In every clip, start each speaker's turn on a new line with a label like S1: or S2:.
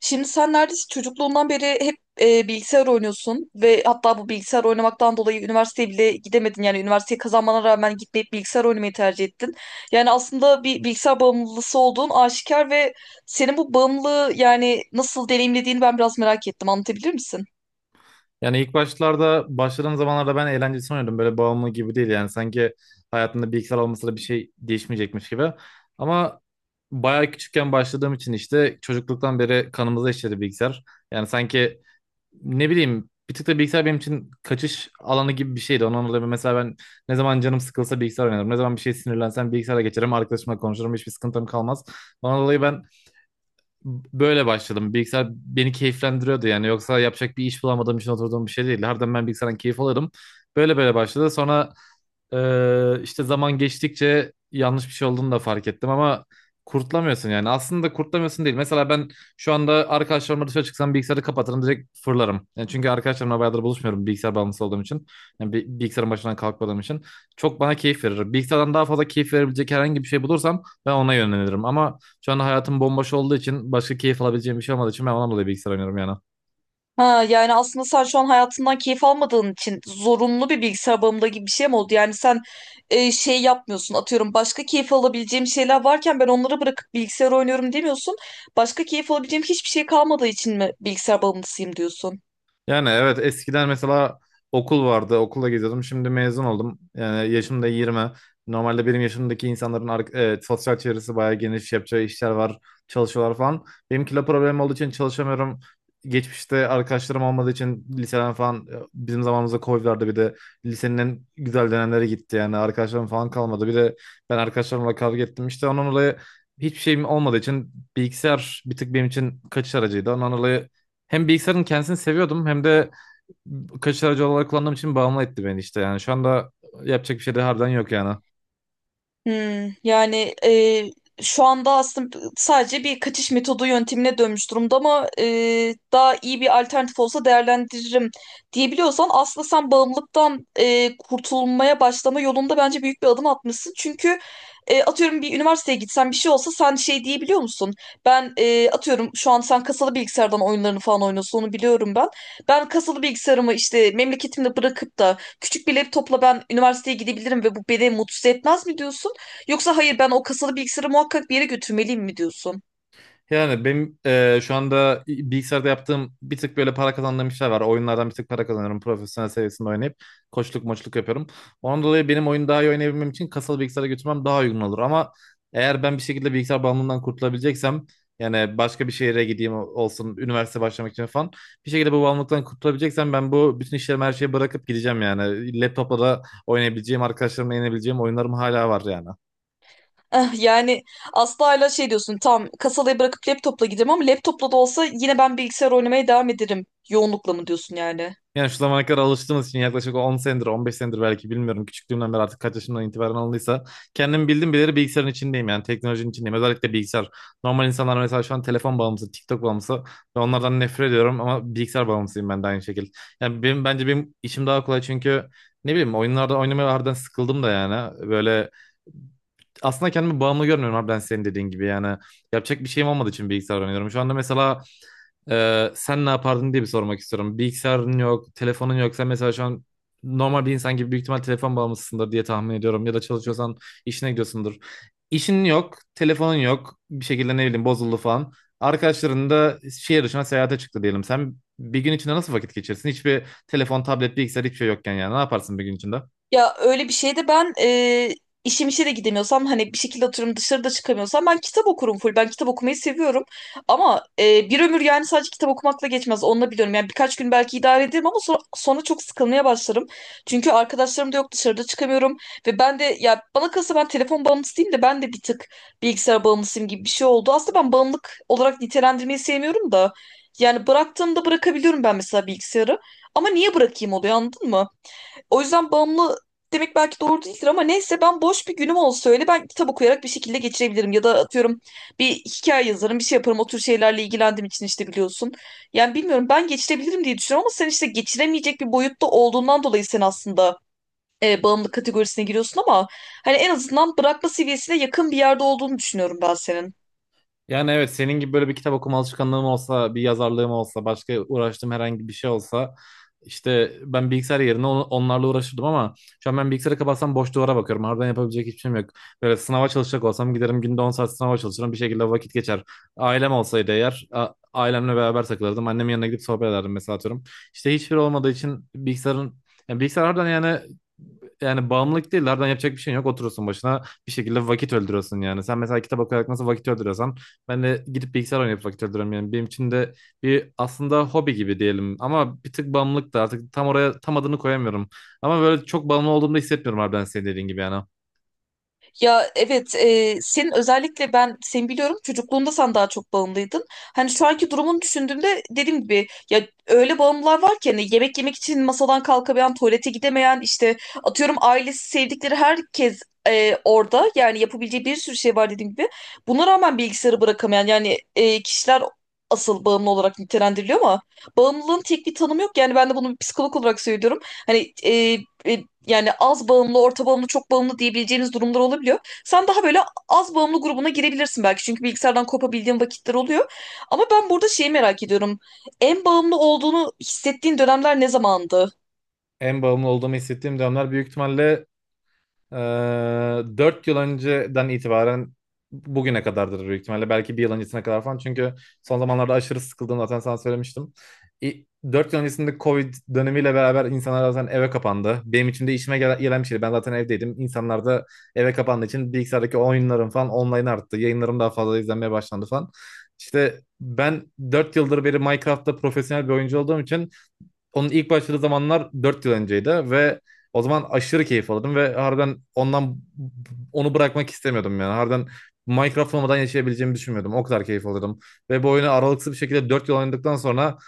S1: Şimdi sen neredeyse çocukluğundan beri hep bilgisayar oynuyorsun ve hatta bu bilgisayar oynamaktan dolayı üniversiteye bile gidemedin. Yani üniversiteyi kazanmana rağmen gitmeyip bilgisayar oynamayı tercih ettin. Yani aslında bir bilgisayar bağımlısı olduğun aşikar ve senin bu bağımlılığı yani nasıl deneyimlediğini ben biraz merak ettim. Anlatabilir misin?
S2: Yani ilk başlarda başladığım zamanlarda ben eğlenceli sanıyordum. Böyle bağımlı gibi değil yani. Sanki hayatımda bilgisayar olmasa da bir şey değişmeyecekmiş gibi. Ama bayağı küçükken başladığım için işte çocukluktan beri kanımıza işledi bilgisayar. Yani sanki ne bileyim bir tık da bilgisayar benim için kaçış alanı gibi bir şeydi. Ondan dolayı mesela ben ne zaman canım sıkılsa bilgisayar oynarım. Ne zaman bir şey sinirlensem bilgisayara geçerim. Arkadaşımla konuşurum. Hiçbir sıkıntım kalmaz. Ondan dolayı ben böyle başladım. Bilgisayar beni keyiflendiriyordu yani. Yoksa yapacak bir iş bulamadığım için oturduğum bir şey değil. Harbiden ben bilgisayardan keyif alırım. Böyle böyle başladı. Sonra işte zaman geçtikçe yanlış bir şey olduğunu da fark ettim ama kurtlamıyorsun yani. Aslında kurtlamıyorsun değil. Mesela ben şu anda arkadaşlarımla dışarı çıksam bilgisayarı kapatırım, direkt fırlarım. Yani çünkü arkadaşlarımla bayağıdır buluşmuyorum bilgisayar bağımlısı olduğum için. Yani bilgisayarın başından kalkmadığım için. Çok bana keyif verir. Bilgisayardan daha fazla keyif verebilecek herhangi bir şey bulursam ben ona yönelirim. Ama şu anda hayatım bomboş olduğu için, başka keyif alabileceğim bir şey olmadığı için ben ondan dolayı bilgisayar oynuyorum yani.
S1: Ha, yani aslında sen şu an hayatından keyif almadığın için zorunlu bir bilgisayar bağımlılığı gibi bir şey mi oldu? Yani sen şey yapmıyorsun, atıyorum başka keyif alabileceğim şeyler varken ben onları bırakıp bilgisayar oynuyorum demiyorsun. Başka keyif alabileceğim hiçbir şey kalmadığı için mi bilgisayar bağımlısıyım diyorsun?
S2: Yani evet, eskiden mesela okul vardı. Okulla geziyordum. Şimdi mezun oldum. Yani yaşım da 20. Normalde benim yaşımdaki insanların sosyal çevresi bayağı geniş. Yapacağı işler var. Çalışıyorlar falan. Benim kilo problemim olduğu için çalışamıyorum. Geçmişte arkadaşlarım olmadığı için liseden falan, bizim zamanımızda Covid vardı. Bir de lisenin en güzel dönemleri gitti. Yani arkadaşlarım falan kalmadı. Bir de ben arkadaşlarımla kavga ettim. İşte onun dolayı hiçbir şeyim olmadığı için bilgisayar bir tık benim için kaçış aracıydı. Ondan dolayı hem bilgisayarın kendisini seviyordum hem de kaçış aracı olarak kullandığım için bağımlı etti beni işte. Yani şu anda yapacak bir şey de harbiden yok yani.
S1: Hmm, yani şu anda aslında sadece bir kaçış metodu yöntemine dönmüş durumda ama daha iyi bir alternatif olsa değerlendiririm diyebiliyorsan aslında sen bağımlılıktan kurtulmaya başlama yolunda bence büyük bir adım atmışsın. Çünkü atıyorum bir üniversiteye gitsen bir şey olsa sen şey diyebiliyor musun? Ben atıyorum şu an sen kasalı bilgisayardan oyunlarını falan oynuyorsun, onu biliyorum ben. Ben kasalı bilgisayarımı işte memleketimde bırakıp da küçük bir laptopla ben üniversiteye gidebilirim ve bu beni mutsuz etmez mi diyorsun? Yoksa hayır, ben o kasalı bilgisayarı muhakkak bir yere götürmeliyim mi diyorsun?
S2: Yani benim şu anda bilgisayarda yaptığım bir tık böyle para kazandığım işler var. Oyunlardan bir tık para kazanıyorum. Profesyonel seviyesinde oynayıp koçluk moçluk yapıyorum. Ondan dolayı benim oyunu daha iyi oynayabilmem için kasalı bilgisayara götürmem daha uygun olur. Ama eğer ben bir şekilde bilgisayar bağımlılığından kurtulabileceksem, yani başka bir şehire gideyim olsun üniversite başlamak için falan, bir şekilde bu bağımlılıktan kurtulabileceksem ben bu bütün işlerimi, her şeyi bırakıp gideceğim yani. Laptopla da oynayabileceğim, arkadaşlarımla oynayabileceğim oyunlarım hala var yani.
S1: Eh, yani asla hala şey diyorsun, tam kasalayı bırakıp laptopla giderim ama laptopla da olsa yine ben bilgisayar oynamaya devam ederim. Yoğunlukla mı diyorsun yani?
S2: Yani şu zamana kadar alıştığımız için yaklaşık 10 senedir, 15 senedir belki, bilmiyorum. Küçüklüğümden beri artık kaç yaşımdan itibaren alındıysa. Kendim bildim bileli bilgisayarın içindeyim yani, teknolojinin içindeyim. Özellikle bilgisayar. Normal insanlar mesela şu an telefon bağımlısı, TikTok bağımlısı ve onlardan nefret ediyorum, ama bilgisayar bağımlısıyım ben de aynı şekilde. Yani benim, bence benim işim daha kolay çünkü ne bileyim oyunlarda oynamaya harbiden sıkıldım da yani. Böyle aslında kendimi bağımlı görmüyorum harbiden, senin dediğin gibi yani. Yapacak bir şeyim olmadığı için bilgisayar oynuyorum. Şu anda mesela sen ne yapardın diye bir sormak istiyorum. Bilgisayarın yok, telefonun yok. Sen mesela şu an normal bir insan gibi büyük ihtimal telefon bağımlısındır diye tahmin ediyorum. Ya da çalışıyorsan işine gidiyorsundur. İşin yok, telefonun yok. Bir şekilde ne bileyim bozuldu falan. Arkadaşların da şehir dışına seyahate çıktı diyelim. Sen bir gün içinde nasıl vakit geçirsin? Hiçbir telefon, tablet, bilgisayar, hiçbir şey yokken yani. Ne yaparsın bir gün içinde?
S1: Ya öyle bir şeyde ben işim işe de gidemiyorsam, hani bir şekilde oturum dışarıda çıkamıyorsam ben kitap okurum full. Ben kitap okumayı seviyorum. Ama bir ömür yani sadece kitap okumakla geçmez. Onu da biliyorum. Yani birkaç gün belki idare ederim ama sonra çok sıkılmaya başlarım. Çünkü arkadaşlarım da yok, dışarıda çıkamıyorum. Ve ben de ya bana kalırsa ben telefon bağımlısıyım da, ben de bir tık bilgisayar bağımlısıyım gibi bir şey oldu. Aslında ben bağımlılık olarak nitelendirmeyi sevmiyorum da. Yani bıraktığımda bırakabiliyorum ben mesela bilgisayarı. Ama niye bırakayım oluyor, anladın mı? O yüzden bağımlı demek belki doğru değildir ama neyse, ben boş bir günüm olsa öyle ben kitap okuyarak bir şekilde geçirebilirim. Ya da atıyorum bir hikaye yazarım, bir şey yaparım. O tür şeylerle ilgilendiğim için işte, biliyorsun. Yani bilmiyorum, ben geçirebilirim diye düşünüyorum ama sen işte geçiremeyecek bir boyutta olduğundan dolayı sen aslında bağımlı kategorisine giriyorsun ama hani en azından bırakma seviyesine yakın bir yerde olduğunu düşünüyorum ben senin.
S2: Yani evet, senin gibi böyle bir kitap okuma alışkanlığım olsa, bir yazarlığım olsa, başka uğraştığım herhangi bir şey olsa, işte ben bilgisayar yerine onlarla uğraşırdım ama şu an ben bilgisayarı kapatsam boş duvara bakıyorum. Harbiden yapabilecek hiçbir şeyim yok. Böyle sınava çalışacak olsam giderim, günde 10 saat sınava çalışırım, bir şekilde vakit geçer. Ailem olsaydı eğer, ailemle beraber takılırdım. Annemin yanına gidip sohbet ederdim mesela, atıyorum. İşte hiçbir olmadığı için bilgisayarın, yani bilgisayar harbiden yani, yani bağımlılık değil. Harbiden yapacak bir şeyin yok. Oturursun başına, bir şekilde vakit öldürüyorsun yani. Sen mesela kitap okuyarak nasıl vakit öldürüyorsan, ben de gidip bilgisayar oynayıp vakit öldürüyorum yani. Benim için de bir aslında hobi gibi diyelim. Ama bir tık bağımlılık da artık, tam oraya tam adını koyamıyorum. Ama böyle çok bağımlı olduğumu da hissetmiyorum harbiden, senin dediğin gibi yani.
S1: Ya evet, senin özellikle ben seni biliyorum, çocukluğunda sen daha çok bağımlıydın. Hani şu anki durumunu düşündüğümde dediğim gibi ya öyle bağımlılar var ki hani yemek yemek için masadan kalkamayan, tuvalete gidemeyen, işte atıyorum ailesi, sevdikleri herkes orada, yani yapabileceği bir sürü şey var dediğim gibi. Buna rağmen bilgisayarı bırakamayan yani kişiler asıl bağımlı olarak nitelendiriliyor ama bağımlılığın tek bir tanımı yok. Yani ben de bunu bir psikolog olarak söylüyorum. Hani yani az bağımlı, orta bağımlı, çok bağımlı diyebileceğiniz durumlar olabiliyor. Sen daha böyle az bağımlı grubuna girebilirsin belki. Çünkü bilgisayardan kopabildiğin vakitler oluyor. Ama ben burada şeyi merak ediyorum. En bağımlı olduğunu hissettiğin dönemler ne zamandı?
S2: En bağımlı olduğumu hissettiğim dönemler büyük ihtimalle, Ee, 4 yıl önceden itibaren bugüne kadardır büyük ihtimalle. Belki bir yıl öncesine kadar falan. Çünkü son zamanlarda aşırı sıkıldım zaten, sana söylemiştim. İ- Dört yıl öncesinde Covid dönemiyle beraber insanlar zaten eve kapandı. Benim için de işime gelen gelen bir şeydi. Ben zaten evdeydim. İnsanlar da eve kapandığı için bilgisayardaki oyunlarım falan online arttı. Yayınlarım daha fazla izlenmeye başlandı falan. İşte ben 4 yıldır beri Minecraft'ta profesyonel bir oyuncu olduğum için, onun ilk başladığı zamanlar 4 yıl önceydi ve o zaman aşırı keyif alırdım ve harbiden ondan, onu bırakmak istemiyordum yani. Harbiden Minecraft olmadan yaşayabileceğimi düşünmüyordum. O kadar keyif alırdım. Ve bu oyunu aralıksız bir şekilde 4 yıl oynadıktan sonra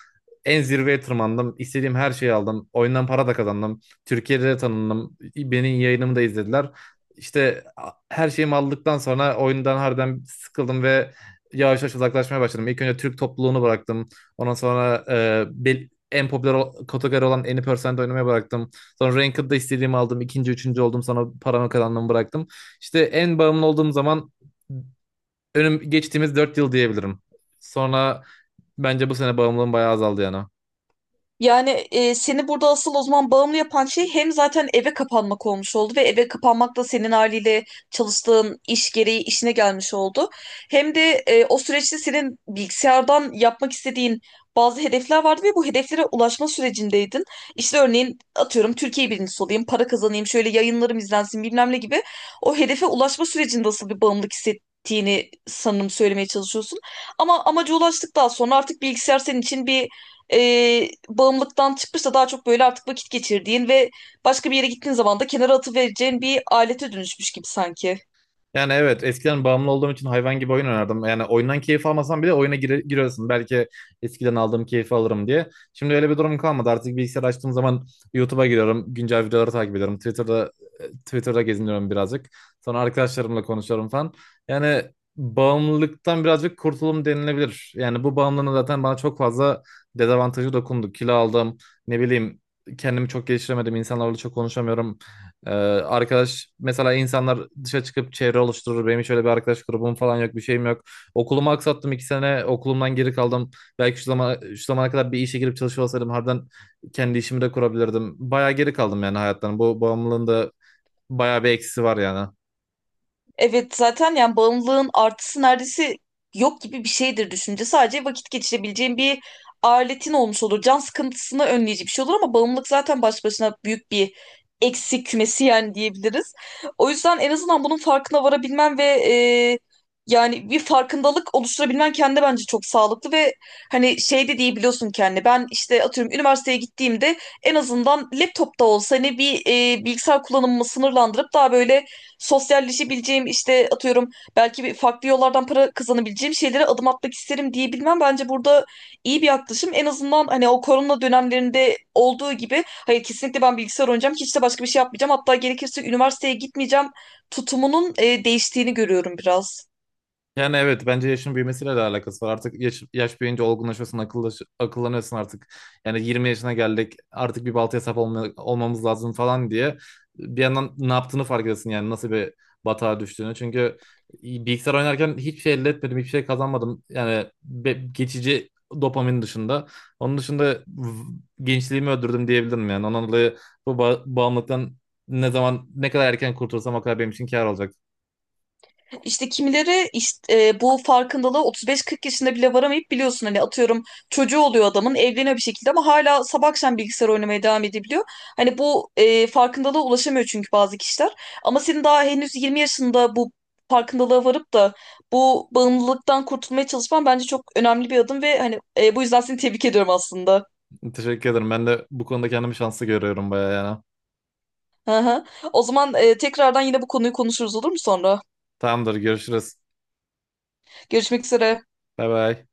S2: en zirveye tırmandım. İstediğim her şeyi aldım. Oyundan para da kazandım. Türkiye'de de tanındım. Benim yayınımı da izlediler. İşte her şeyimi aldıktan sonra oyundan harbiden sıkıldım ve yavaş yavaş uzaklaşmaya başladım. İlk önce Türk topluluğunu bıraktım. Ondan sonra en popüler kategori olan Any% Percent oynamaya bıraktım. Sonra Ranked'da istediğimi aldım, ikinci üçüncü oldum. Sonra paramı kazandığımı bıraktım. İşte en bağımlı olduğum zaman önüm geçtiğimiz dört yıl diyebilirim. Sonra bence bu sene bağımlılığım bayağı azaldı yani.
S1: Yani seni burada asıl o zaman bağımlı yapan şey hem zaten eve kapanmak olmuş oldu ve eve kapanmak da senin haliyle çalıştığın iş gereği işine gelmiş oldu. Hem de o süreçte senin bilgisayardan yapmak istediğin bazı hedefler vardı ve bu hedeflere ulaşma sürecindeydin. İşte örneğin atıyorum Türkiye birincisi olayım, para kazanayım, şöyle yayınlarım izlensin bilmem ne gibi. O hedefe ulaşma sürecinde asıl bir bağımlılık hissettiğini sanırım söylemeye çalışıyorsun. Ama amaca ulaştıktan sonra artık bilgisayar senin için bir bağımlılıktan çıkmış, daha çok böyle artık vakit geçirdiğin ve başka bir yere gittiğin zaman da kenara atıvereceğin bir alete dönüşmüş gibi sanki.
S2: Yani evet, eskiden bağımlı olduğum için hayvan gibi oyun oynardım. Yani oyundan keyif almasam bile oyuna giriyorsun. Belki eskiden aldığım keyfi alırım diye. Şimdi öyle bir durum kalmadı. Artık bilgisayar açtığım zaman YouTube'a giriyorum. Güncel videoları takip ediyorum. Twitter'da, geziniyorum birazcık. Sonra arkadaşlarımla konuşuyorum falan. Yani bağımlılıktan birazcık kurtulum denilebilir. Yani bu bağımlılığın zaten bana çok fazla dezavantajı dokundu. Kilo aldım. Ne bileyim kendimi çok geliştiremedim. İnsanlarla çok konuşamıyorum. Ee, Arkadaş mesela, insanlar dışa çıkıp çevre oluşturur. Benim şöyle bir arkadaş grubum falan yok, bir şeyim yok. Okulumu aksattım, iki sene okulumdan geri kaldım. Belki şu zaman şu zamana kadar bir işe girip çalışıyor olsaydım harbiden kendi işimi de kurabilirdim. Bayağı geri kaldım yani hayattan. Bu bağımlılığın da bayağı bir eksisi var yani.
S1: Evet, zaten yani bağımlılığın artısı neredeyse yok gibi bir şeydir, düşünce. Sadece vakit geçirebileceğin bir aletin olmuş olur. Can sıkıntısını önleyici bir şey olur ama bağımlılık zaten baş başına büyük bir eksik kümesi yani, diyebiliriz. O yüzden en azından bunun farkına varabilmen ve yani bir farkındalık oluşturabilmen kendi bence çok sağlıklı ve hani şey de diyebiliyorsun kendine. Ben işte atıyorum üniversiteye gittiğimde en azından laptopta olsa hani bir bilgisayar kullanımımı sınırlandırıp daha böyle sosyalleşebileceğim, işte atıyorum belki bir farklı yollardan para kazanabileceğim şeylere adım atmak isterim diyebilmem bence burada iyi bir yaklaşım. En azından hani o korona dönemlerinde olduğu gibi hayır, kesinlikle ben bilgisayar oynayacağım, hiç de başka bir şey yapmayacağım, hatta gerekirse üniversiteye gitmeyeceğim tutumunun değiştiğini görüyorum biraz.
S2: Yani evet, bence yaşın büyümesiyle de alakası var. Artık yaş, yaş büyüyünce olgunlaşıyorsun, akıllaş, akıllanıyorsun artık. Yani 20 yaşına geldik, artık bir baltaya sap olmamız lazım falan diye. Bir yandan ne yaptığını fark ediyorsun, yani nasıl bir batağa düştüğünü. Çünkü bilgisayar oynarken hiçbir şey elde etmedim, hiçbir şey kazanmadım. Yani geçici dopamin dışında. Onun dışında gençliğimi öldürdüm diyebilirim yani. Ondan dolayı bu bağımlılıktan ne zaman ne kadar erken kurtulsam o kadar benim için kâr olacak.
S1: İşte kimileri bu farkındalığa 35-40 yaşında bile varamayıp biliyorsun hani, atıyorum çocuğu oluyor adamın, evleniyor bir şekilde ama hala sabah akşam bilgisayar oynamaya devam edebiliyor. Hani bu farkındalığa ulaşamıyor çünkü bazı kişiler. Ama senin daha henüz 20 yaşında bu farkındalığa varıp da bu bağımlılıktan kurtulmaya çalışman bence çok önemli bir adım ve hani bu yüzden seni tebrik ediyorum aslında.
S2: Teşekkür ederim. Ben de bu konuda kendimi şanslı görüyorum bayağı yani.
S1: Hı hı. O zaman tekrardan yine bu konuyu konuşuruz, olur mu sonra?
S2: Tamamdır, görüşürüz.
S1: Görüşmek üzere.
S2: Bay bay.